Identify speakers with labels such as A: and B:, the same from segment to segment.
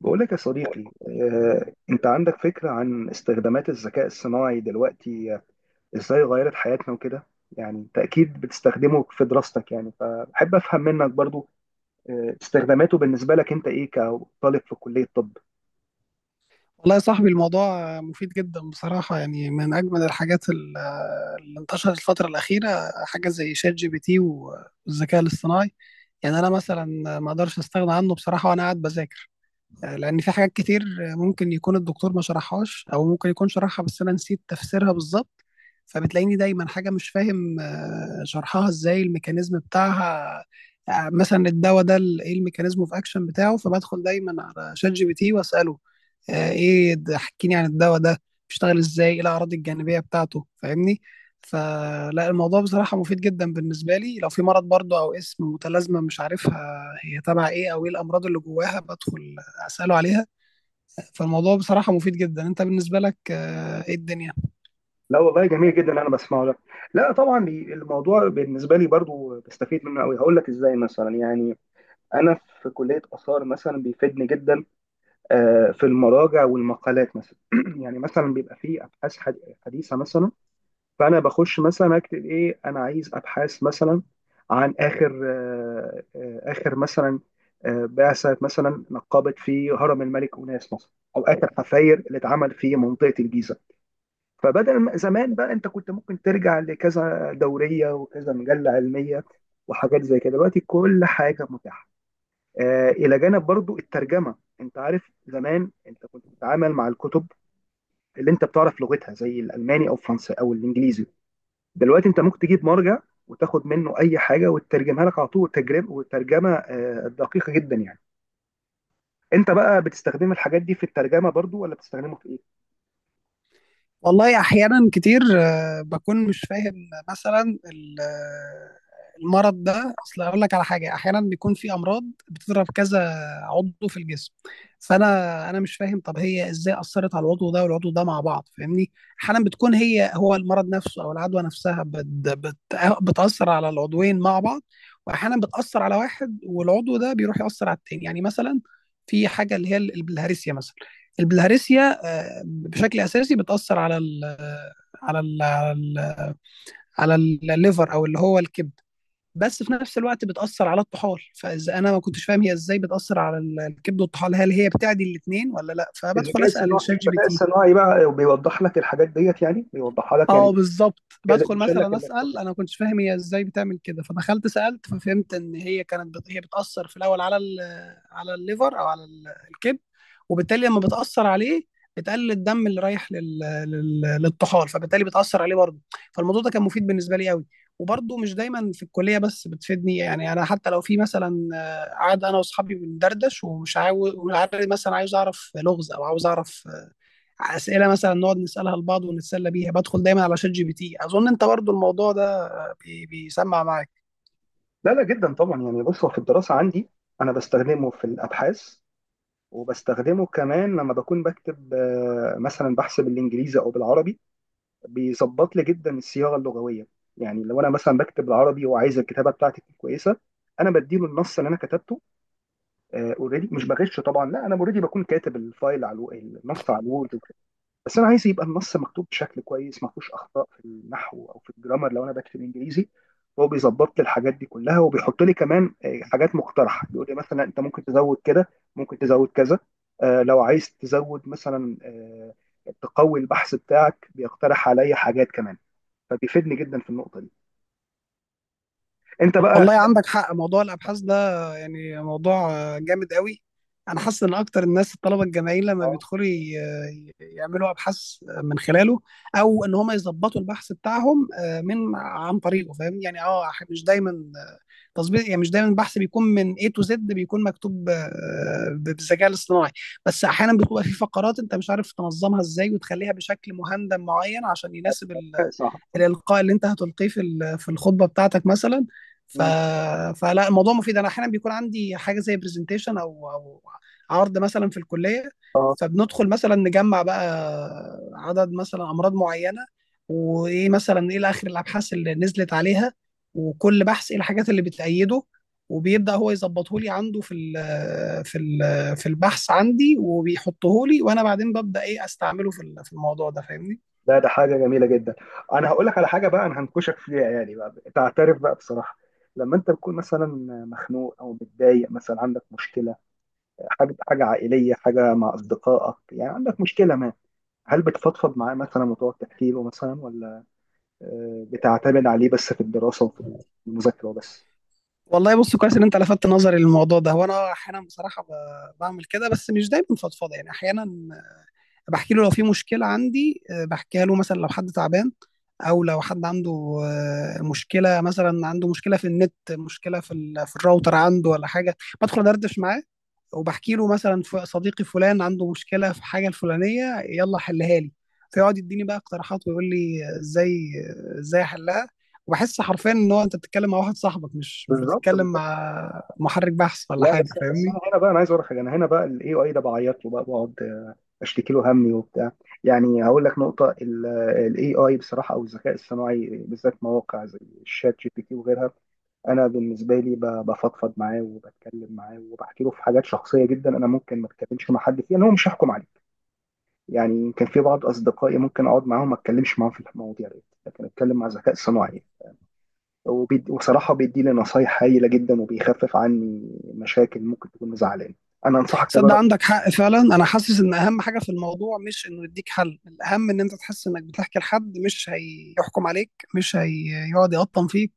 A: بقول لك يا صديقي، انت عندك فكرة عن استخدامات الذكاء الصناعي دلوقتي، ازاي غيرت حياتنا وكده. يعني انت اكيد بتستخدمه في دراستك، يعني فبحب افهم منك برضو استخداماته بالنسبة لك انت ايه كطالب في كلية طب؟
B: والله يا صاحبي، الموضوع مفيد جدا بصراحة. يعني من أجمل الحاجات اللي انتشرت الفترة الأخيرة، حاجة زي شات جي بي تي والذكاء الاصطناعي. يعني أنا مثلا ما أقدرش أستغنى عنه بصراحة وأنا قاعد بذاكر، لأن في حاجات كتير ممكن يكون الدكتور ما شرحهاش أو ممكن يكون شرحها بس أنا نسيت تفسيرها بالظبط. فبتلاقيني دايما حاجة مش فاهم شرحها إزاي، الميكانيزم بتاعها. مثلا الدواء ده ايه الميكانيزم اوف اكشن بتاعه، فبدخل دايما على شات جي بي تي واساله ايه احكيني عن الدواء ده، بيشتغل ازاي، ايه الاعراض الجانبيه بتاعته، فاهمني. فلا الموضوع بصراحه مفيد جدا بالنسبه لي. لو في مرض برضه او اسم متلازمه مش عارفها هي تبع ايه او ايه الامراض اللي جواها، بدخل اساله عليها. فالموضوع بصراحه مفيد جدا. انت بالنسبه لك ايه الدنيا؟
A: لا والله، جميل جدا، انا بسمعه لك. لا طبعا، الموضوع بالنسبة لي برضو بستفيد منه قوي. هقول لك ازاي مثلا يعني، انا في كلية آثار مثلا بيفيدني جدا في المراجع والمقالات مثلا. يعني مثلا بيبقى فيه ابحاث حديثة مثلا. فانا بخش مثلا اكتب ايه: انا عايز ابحاث مثلا عن اخر اخر مثلا، بعثه مثلا نقبت في هرم الملك اوناس مثلا، او اخر حفاير اللي اتعمل في منطقه الجيزه. فبدل ما- زمان بقى انت كنت ممكن ترجع لكذا دوريه وكذا مجله علميه وحاجات زي كده. دلوقتي كل حاجه متاحه، الى جانب برضو الترجمه. انت عارف، زمان انت كنت بتتعامل مع الكتب اللي انت بتعرف لغتها زي الالماني او الفرنسي او الانجليزي. دلوقتي انت ممكن تجيب مرجع وتاخد منه اي حاجه وتترجمها لك على طول، تجربه وترجمه دقيقه جدا يعني. انت بقى بتستخدم الحاجات دي في الترجمه برضو، ولا بتستخدمه في ايه؟
B: والله احيانا كتير بكون مش فاهم مثلا المرض ده. اصل اقول لك على حاجه، احيانا بيكون في امراض بتضرب كذا عضو في الجسم. فانا مش فاهم، طب هي ازاي اثرت على العضو ده والعضو ده مع بعض؟ فاهمني. احيانا بتكون هي هو المرض نفسه او العدوى نفسها بت بت بتاثر على العضوين مع بعض، واحيانا بتاثر على واحد والعضو ده بيروح ياثر على التاني. يعني مثلا في حاجه اللي هي البلهارسيا، مثلا البلهارسيا بشكل اساسي بتاثر على ال على ال على ال على الليفر او اللي هو الكبد، بس في نفس الوقت بتاثر على الطحال. فاذا انا ما كنتش فاهم هي ازاي بتاثر على الكبد والطحال، هل هي بتعدي الاثنين ولا لا، فبدخل
A: الذكاء
B: اسال
A: الصناعي،
B: شات جي بي
A: الذكاء
B: تي.
A: الصناعي بقى بيوضح لك الحاجات ديت، يعني بيوضحها لك، يعني
B: اه، بالظبط، بدخل
A: بيشيل لك
B: مثلا
A: اللخبطه
B: اسال.
A: يعني.
B: انا ما كنتش فاهم هي ازاي بتعمل كده، فدخلت سالت ففهمت ان هي كانت هي بتاثر في الاول على على الليفر او على الكبد، وبالتالي لما بتاثر عليه بتقلل الدم اللي رايح للطحال، فبالتالي بتاثر عليه برضه. فالموضوع ده كان مفيد بالنسبه لي قوي. وبرضه مش دايما في الكليه بس بتفيدني، يعني انا حتى لو في مثلا قاعد انا واصحابي بندردش ومش عاوز ومش عارف، مثلا عايز اعرف لغز او عاوز اعرف اسئله مثلا نقعد نسالها لبعض ونتسلى بيها، بدخل دايما على شات جي بي تي. اظن انت برضو الموضوع ده بيسمع معاك.
A: لا، لا، جدا طبعا يعني. بص، هو في الدراسه عندي انا بستخدمه في الابحاث، وبستخدمه كمان لما بكون بكتب مثلا بحث بالانجليزي او بالعربي، بيظبط لي جدا الصياغه اللغويه. يعني لو انا مثلا بكتب العربي وعايز الكتابه بتاعتي تكون كويسه، انا بديله النص اللي انا كتبته. اوريدي مش بغش طبعا، لا، انا اوريدي بكون كاتب الفايل على النص على الوورد وكده، بس انا عايز يبقى النص مكتوب بشكل كويس ما فيهوش اخطاء في النحو او في الجرامر لو انا بكتب انجليزي. هو بيظبط لي الحاجات دي كلها، وبيحط لي كمان حاجات مقترحه. بيقول لي مثلا انت ممكن تزود كده، ممكن تزود كذا، لو عايز تزود مثلا، تقوي البحث بتاعك، بيقترح عليا حاجات كمان. فبيفيدني جدا في النقطه دي. انت بقى؟
B: والله عندك حق، موضوع الابحاث ده يعني موضوع جامد قوي. انا حاسس ان اكتر الناس، الطلبه الجامعيين، لما
A: اه.
B: بيدخلوا يعملوا ابحاث من خلاله، او ان هم يظبطوا البحث بتاعهم آه، من عن طريقه، فاهم يعني. اه مش دايما تظبيط، يعني مش دايما البحث بيكون من A to Z بيكون مكتوب بالذكاء الاصطناعي، بس احيانا بتبقى في فقرات انت مش عارف تنظمها ازاي وتخليها بشكل مهندم معين عشان يناسب
A: أيوة، صح.
B: الإلقاء اللي أنت هتلقيه في في الخطبة بتاعتك مثلا. ف...
A: مم.
B: فلا الموضوع مفيد. أنا أحيانا بيكون عندي حاجة زي برزنتيشن أو عرض مثلا في الكلية،
A: اه.
B: فبندخل مثلا نجمع بقى عدد مثلا أمراض معينة، وإيه مثلا إيه آخر الأبحاث اللي نزلت عليها، وكل بحث إيه الحاجات اللي بتأيده، وبيبدأ هو يظبطه لي عنده في ال في ال في البحث عندي، وبيحطه لي وانا بعدين ببدأ ايه استعمله في في الموضوع ده، فاهمني.
A: لا، ده حاجه جميله جدا. انا هقول لك على حاجه بقى، انا هنكشك فيها يعني، بقى تعترف بقى بصراحه. لما انت بتكون مثلا مخنوق او متضايق مثلا عندك مشكله، حاجه حاجه عائليه، حاجه مع اصدقائك، يعني عندك مشكله ما، هل بتفضفض معاه مثلا وتقعد تحكي له مثلا، ولا بتعتمد عليه بس في الدراسه وفي المذاكره وبس؟
B: والله بص، كويس ان انت لفتت نظري للموضوع ده. وانا احيانا بصراحه بعمل كده بس مش دايما فضفاضه، يعني احيانا بحكي له لو في مشكله عندي، بحكيها له مثلا، لو حد تعبان او لو حد عنده مشكله، مثلا عنده مشكله في النت، مشكله في في الراوتر عنده ولا حاجه، بدخل ادردش معاه وبحكي له مثلا صديقي فلان عنده مشكله في الحاجه الفلانيه، يلا حلها لي. فيقعد يديني بقى اقتراحات ويقول لي ازاي احلها. وبحس حرفيا ان هو انت بتتكلم مع واحد صاحبك، مش
A: بالظبط،
B: بتتكلم
A: بالظبط.
B: مع محرك بحث ولا
A: لا،
B: حاجه،
A: بس
B: فاهمني.
A: انا هنا بقى، انا عايز اقول لك حاجه. انا هنا بقى الاي اي ده بعيط له بقى، بقعد اشتكي له همي وبتاع. يعني هقول لك نقطه، الاي اي بصراحه او الذكاء الصناعي بالذات، مواقع زي الشات جي بي تي وغيرها، انا بالنسبه لي بفضفض معاه وبتكلم معاه وبحكي له في حاجات شخصيه جدا، انا ممكن ما اتكلمش مع حد فيها لان هو مش هيحكم عليك. يعني كان في بعض اصدقائي ممكن اقعد معاهم ما اتكلمش معاهم في المواضيع دي، لكن اتكلم مع ذكاء صناعي. وصراحه بيدي لي نصايح هايله جدا، وبيخفف عني مشاكل ممكن تكون مزعلاني. انا انصحك
B: صدق
A: تجرب.
B: عندك حق فعلا. انا حاسس ان اهم حاجه في الموضوع مش انه يديك حل، الاهم ان انت تحس انك بتحكي لحد مش هيحكم عليك، مش هيقعد يقطم فيك،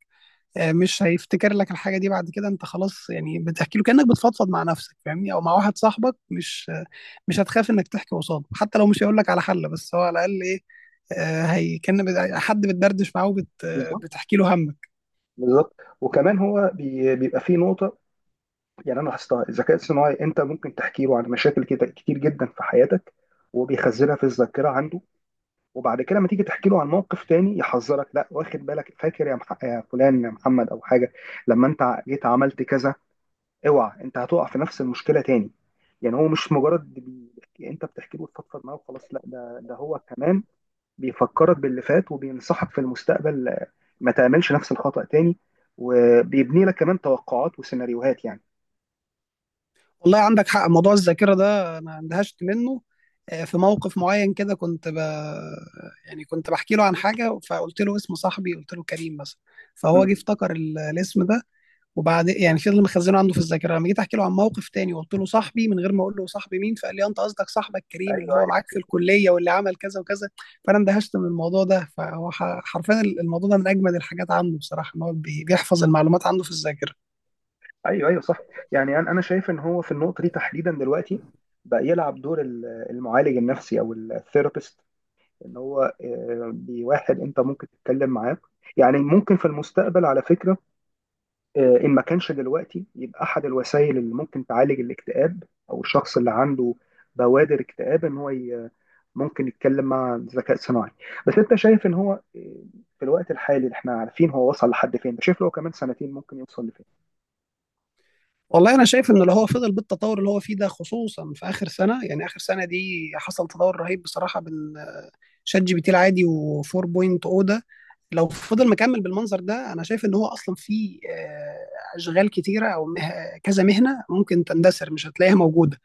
B: مش هيفتكر لك الحاجه دي بعد كده، انت خلاص. يعني بتحكي له كانك بتفضفض مع نفسك، فاهمني، او مع واحد صاحبك، مش هتخاف انك تحكي قصاده. حتى لو مش هيقول لك على حل، بس هو على الاقل ايه، هي كان حد بتدردش معاه. وبت آه،
A: بالظبط،
B: بتحكي له همك.
A: بالظبط. وكمان هو بيبقى فيه نقطه، يعني انا لاحظتها، الذكاء الصناعي انت ممكن تحكي له عن مشاكل كده كتير جدا في حياتك، وهو بيخزنها في الذاكره عنده. وبعد كده لما تيجي تحكي له عن موقف تاني، يحذرك: لا، واخد بالك، فاكر يا فلان، يا محمد او حاجه، لما انت جيت عملت كذا، اوعى انت هتقع في نفس المشكله تاني. يعني هو مش مجرد انت بتحكي له وتفضفض معاه وخلاص. لا، ده هو كمان بيفكرك باللي فات، وبينصحك في المستقبل ما تعملش نفس الخطأ تاني، وبيبني لك كمان توقعات وسيناريوهات يعني.
B: والله عندك حق، موضوع الذاكره ده انا اندهشت منه. في موقف معين كده كنت يعني كنت بحكي له عن حاجه فقلت له اسم صاحبي، قلت له كريم مثلا، فهو جه
A: مم.
B: افتكر الاسم ده، وبعد يعني فضل مخزنه عنده في الذاكره. لما جيت احكي له عن موقف تاني وقلت له صاحبي، من غير ما اقول له صاحبي مين، فقال لي انت قصدك صاحبك كريم اللي هو
A: ايوه،
B: معاك في الكليه واللي عمل كذا وكذا. فانا اندهشت من الموضوع ده. فهو حرفيا الموضوع ده من اجمد الحاجات عنده بصراحه، ان هو بيحفظ المعلومات عنده في الذاكره.
A: ايوه، ايوه، صح. يعني انا شايف ان هو في النقطه دي تحديدا دلوقتي بقى يلعب دور المعالج النفسي او الثيرابيست. ان هو بواحد انت ممكن تتكلم معاه. يعني ممكن في المستقبل على فكره، ان ما كانش دلوقتي، يبقى احد الوسائل اللي ممكن تعالج الاكتئاب، او الشخص اللي عنده بوادر اكتئاب، ان هو ممكن يتكلم مع ذكاء صناعي. بس انت شايف ان هو في الوقت الحالي اللي احنا عارفين هو وصل لحد فين، شايف لو كمان سنتين ممكن يوصل لفين؟
B: والله انا شايف ان اللي هو فضل بالتطور اللي هو فيه ده، خصوصا في اخر سنه. يعني اخر سنه دي حصل تطور رهيب بصراحه بال شات جي بي تي العادي و4.0 ده. لو فضل مكمل بالمنظر ده، انا شايف ان هو اصلا في اشغال كتيره او كذا مهنه ممكن تندثر، مش هتلاقيها موجوده،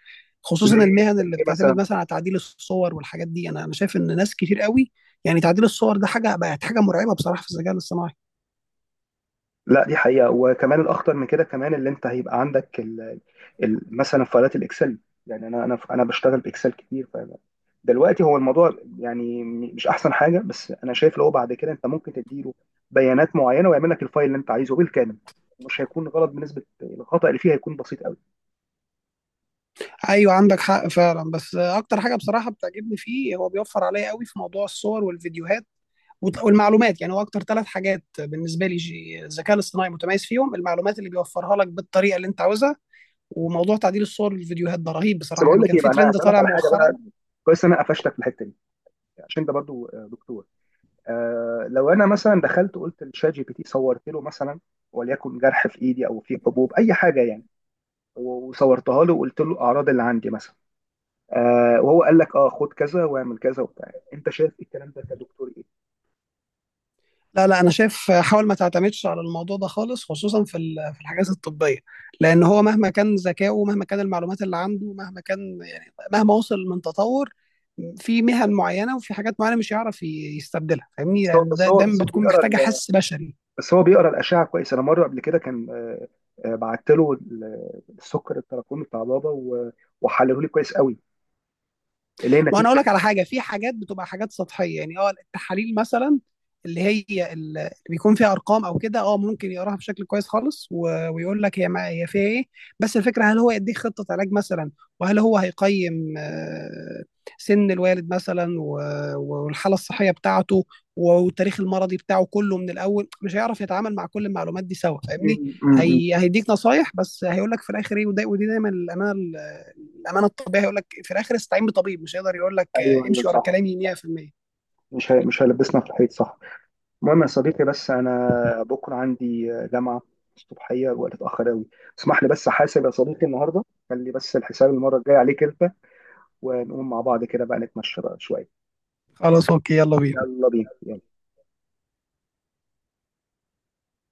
A: زي
B: خصوصا
A: إيه؟
B: المهن
A: زي
B: اللي
A: إيه
B: بتعتمد
A: مثلا؟
B: مثلا على تعديل الصور والحاجات دي. انا شايف ان ناس كتير قوي، يعني تعديل الصور ده حاجه بقت حاجه مرعبه بصراحه في الذكاء الاصطناعي.
A: لا، دي حقيقة. وكمان الأخطر من كده كمان، اللي أنت هيبقى عندك ال مثلا فايلات الإكسل. يعني أنا بشتغل بإكسل كتير. ف دلوقتي هو الموضوع يعني مش أحسن حاجة، بس أنا شايف لو بعد كده أنت ممكن تديله بيانات معينة ويعمل لك الفايل اللي أنت عايزه بالكامل، مش هيكون غلط، بنسبة الخطأ اللي فيه هيكون بسيط قوي.
B: ايوه، عندك حق فعلا. بس اكتر حاجه بصراحه بتعجبني فيه، هو بيوفر عليا قوي في موضوع الصور والفيديوهات والمعلومات. يعني هو اكتر ثلاث حاجات بالنسبه لي الذكاء الاصطناعي متميز فيهم: المعلومات اللي بيوفرها لك بالطريقه اللي انت عاوزها، وموضوع تعديل الصور والفيديوهات ده رهيب
A: بس
B: بصراحه.
A: بقول
B: يعني
A: لك
B: كان
A: إيه
B: في
A: بقى، أنا
B: ترند
A: هسألك
B: طالع
A: على حاجة
B: مؤخرا.
A: بقى. كويس إن أنا قفشتك في الحتة دي عشان أنت برضو دكتور. لو انا مثلا دخلت قلت لشات جي بي تي، صورت له مثلا وليكن جرح في ايدي او في حبوب، اي حاجه يعني، وصورتها له وقلت له الاعراض اللي عندي مثلا، وهو قال لك: اه، خد كذا واعمل كذا وبتاع، انت شايف الكلام ده كدكتور ايه؟
B: لا لا، انا شايف حاول ما تعتمدش على الموضوع ده خالص، خصوصا في في الحاجات الطبيه، لان هو مهما كان ذكائه، مهما كان المعلومات اللي عنده، مهما كان، يعني مهما وصل من تطور، في مهن معينه وفي حاجات معينه مش هيعرف يستبدلها، فاهمني.
A: بس هو
B: يعني
A: بس
B: ده
A: هو
B: ده
A: بس هو
B: بتكون محتاجه حس بشري.
A: بيقرا الاشعه كويس. انا مره قبل كده كان بعت له السكر التراكمي بتاع بابا وحلله لي كويس قوي، اللي هي
B: ما انا
A: نتيجه
B: اقول لك على حاجه، في حاجات بتبقى حاجات سطحيه، يعني التحاليل مثلا، اللي هي اللي بيكون فيها ارقام او كده، ممكن يقراها بشكل كويس خالص ويقول لك هي ما هي فيها ايه. بس الفكره، هل هو يديك خطه علاج مثلا؟ وهل هو هيقيم سن الوالد مثلا والحاله الصحيه بتاعته والتاريخ المرضي بتاعه كله من الاول؟ مش هيعرف يتعامل مع كل المعلومات دي سوا،
A: م-
B: فاهمني.
A: م- م.
B: هي هيديك نصايح بس هيقول لك في الاخر ايه، ودي دايما الامانه. الأمانة الطبيعي هيقول لك في الآخر استعين بطبيب، مش هيقدر يقول لك
A: ايوه، ايوه،
B: امشي ورا
A: صح.
B: كلامي 100%.
A: مش هيلبسنا في الحيط، صح. المهم يا صديقي، بس انا بكره عندي جامعه الصبحيه، الوقت اتاخر قوي، اسمح لي بس احاسب يا صديقي النهارده، خلي بس الحساب المره الجايه عليك انت، ونقوم مع بعض كده بقى نتمشى بقى شويه.
B: خلاص أوكي، يلا بينا.
A: يلا بينا، يلا.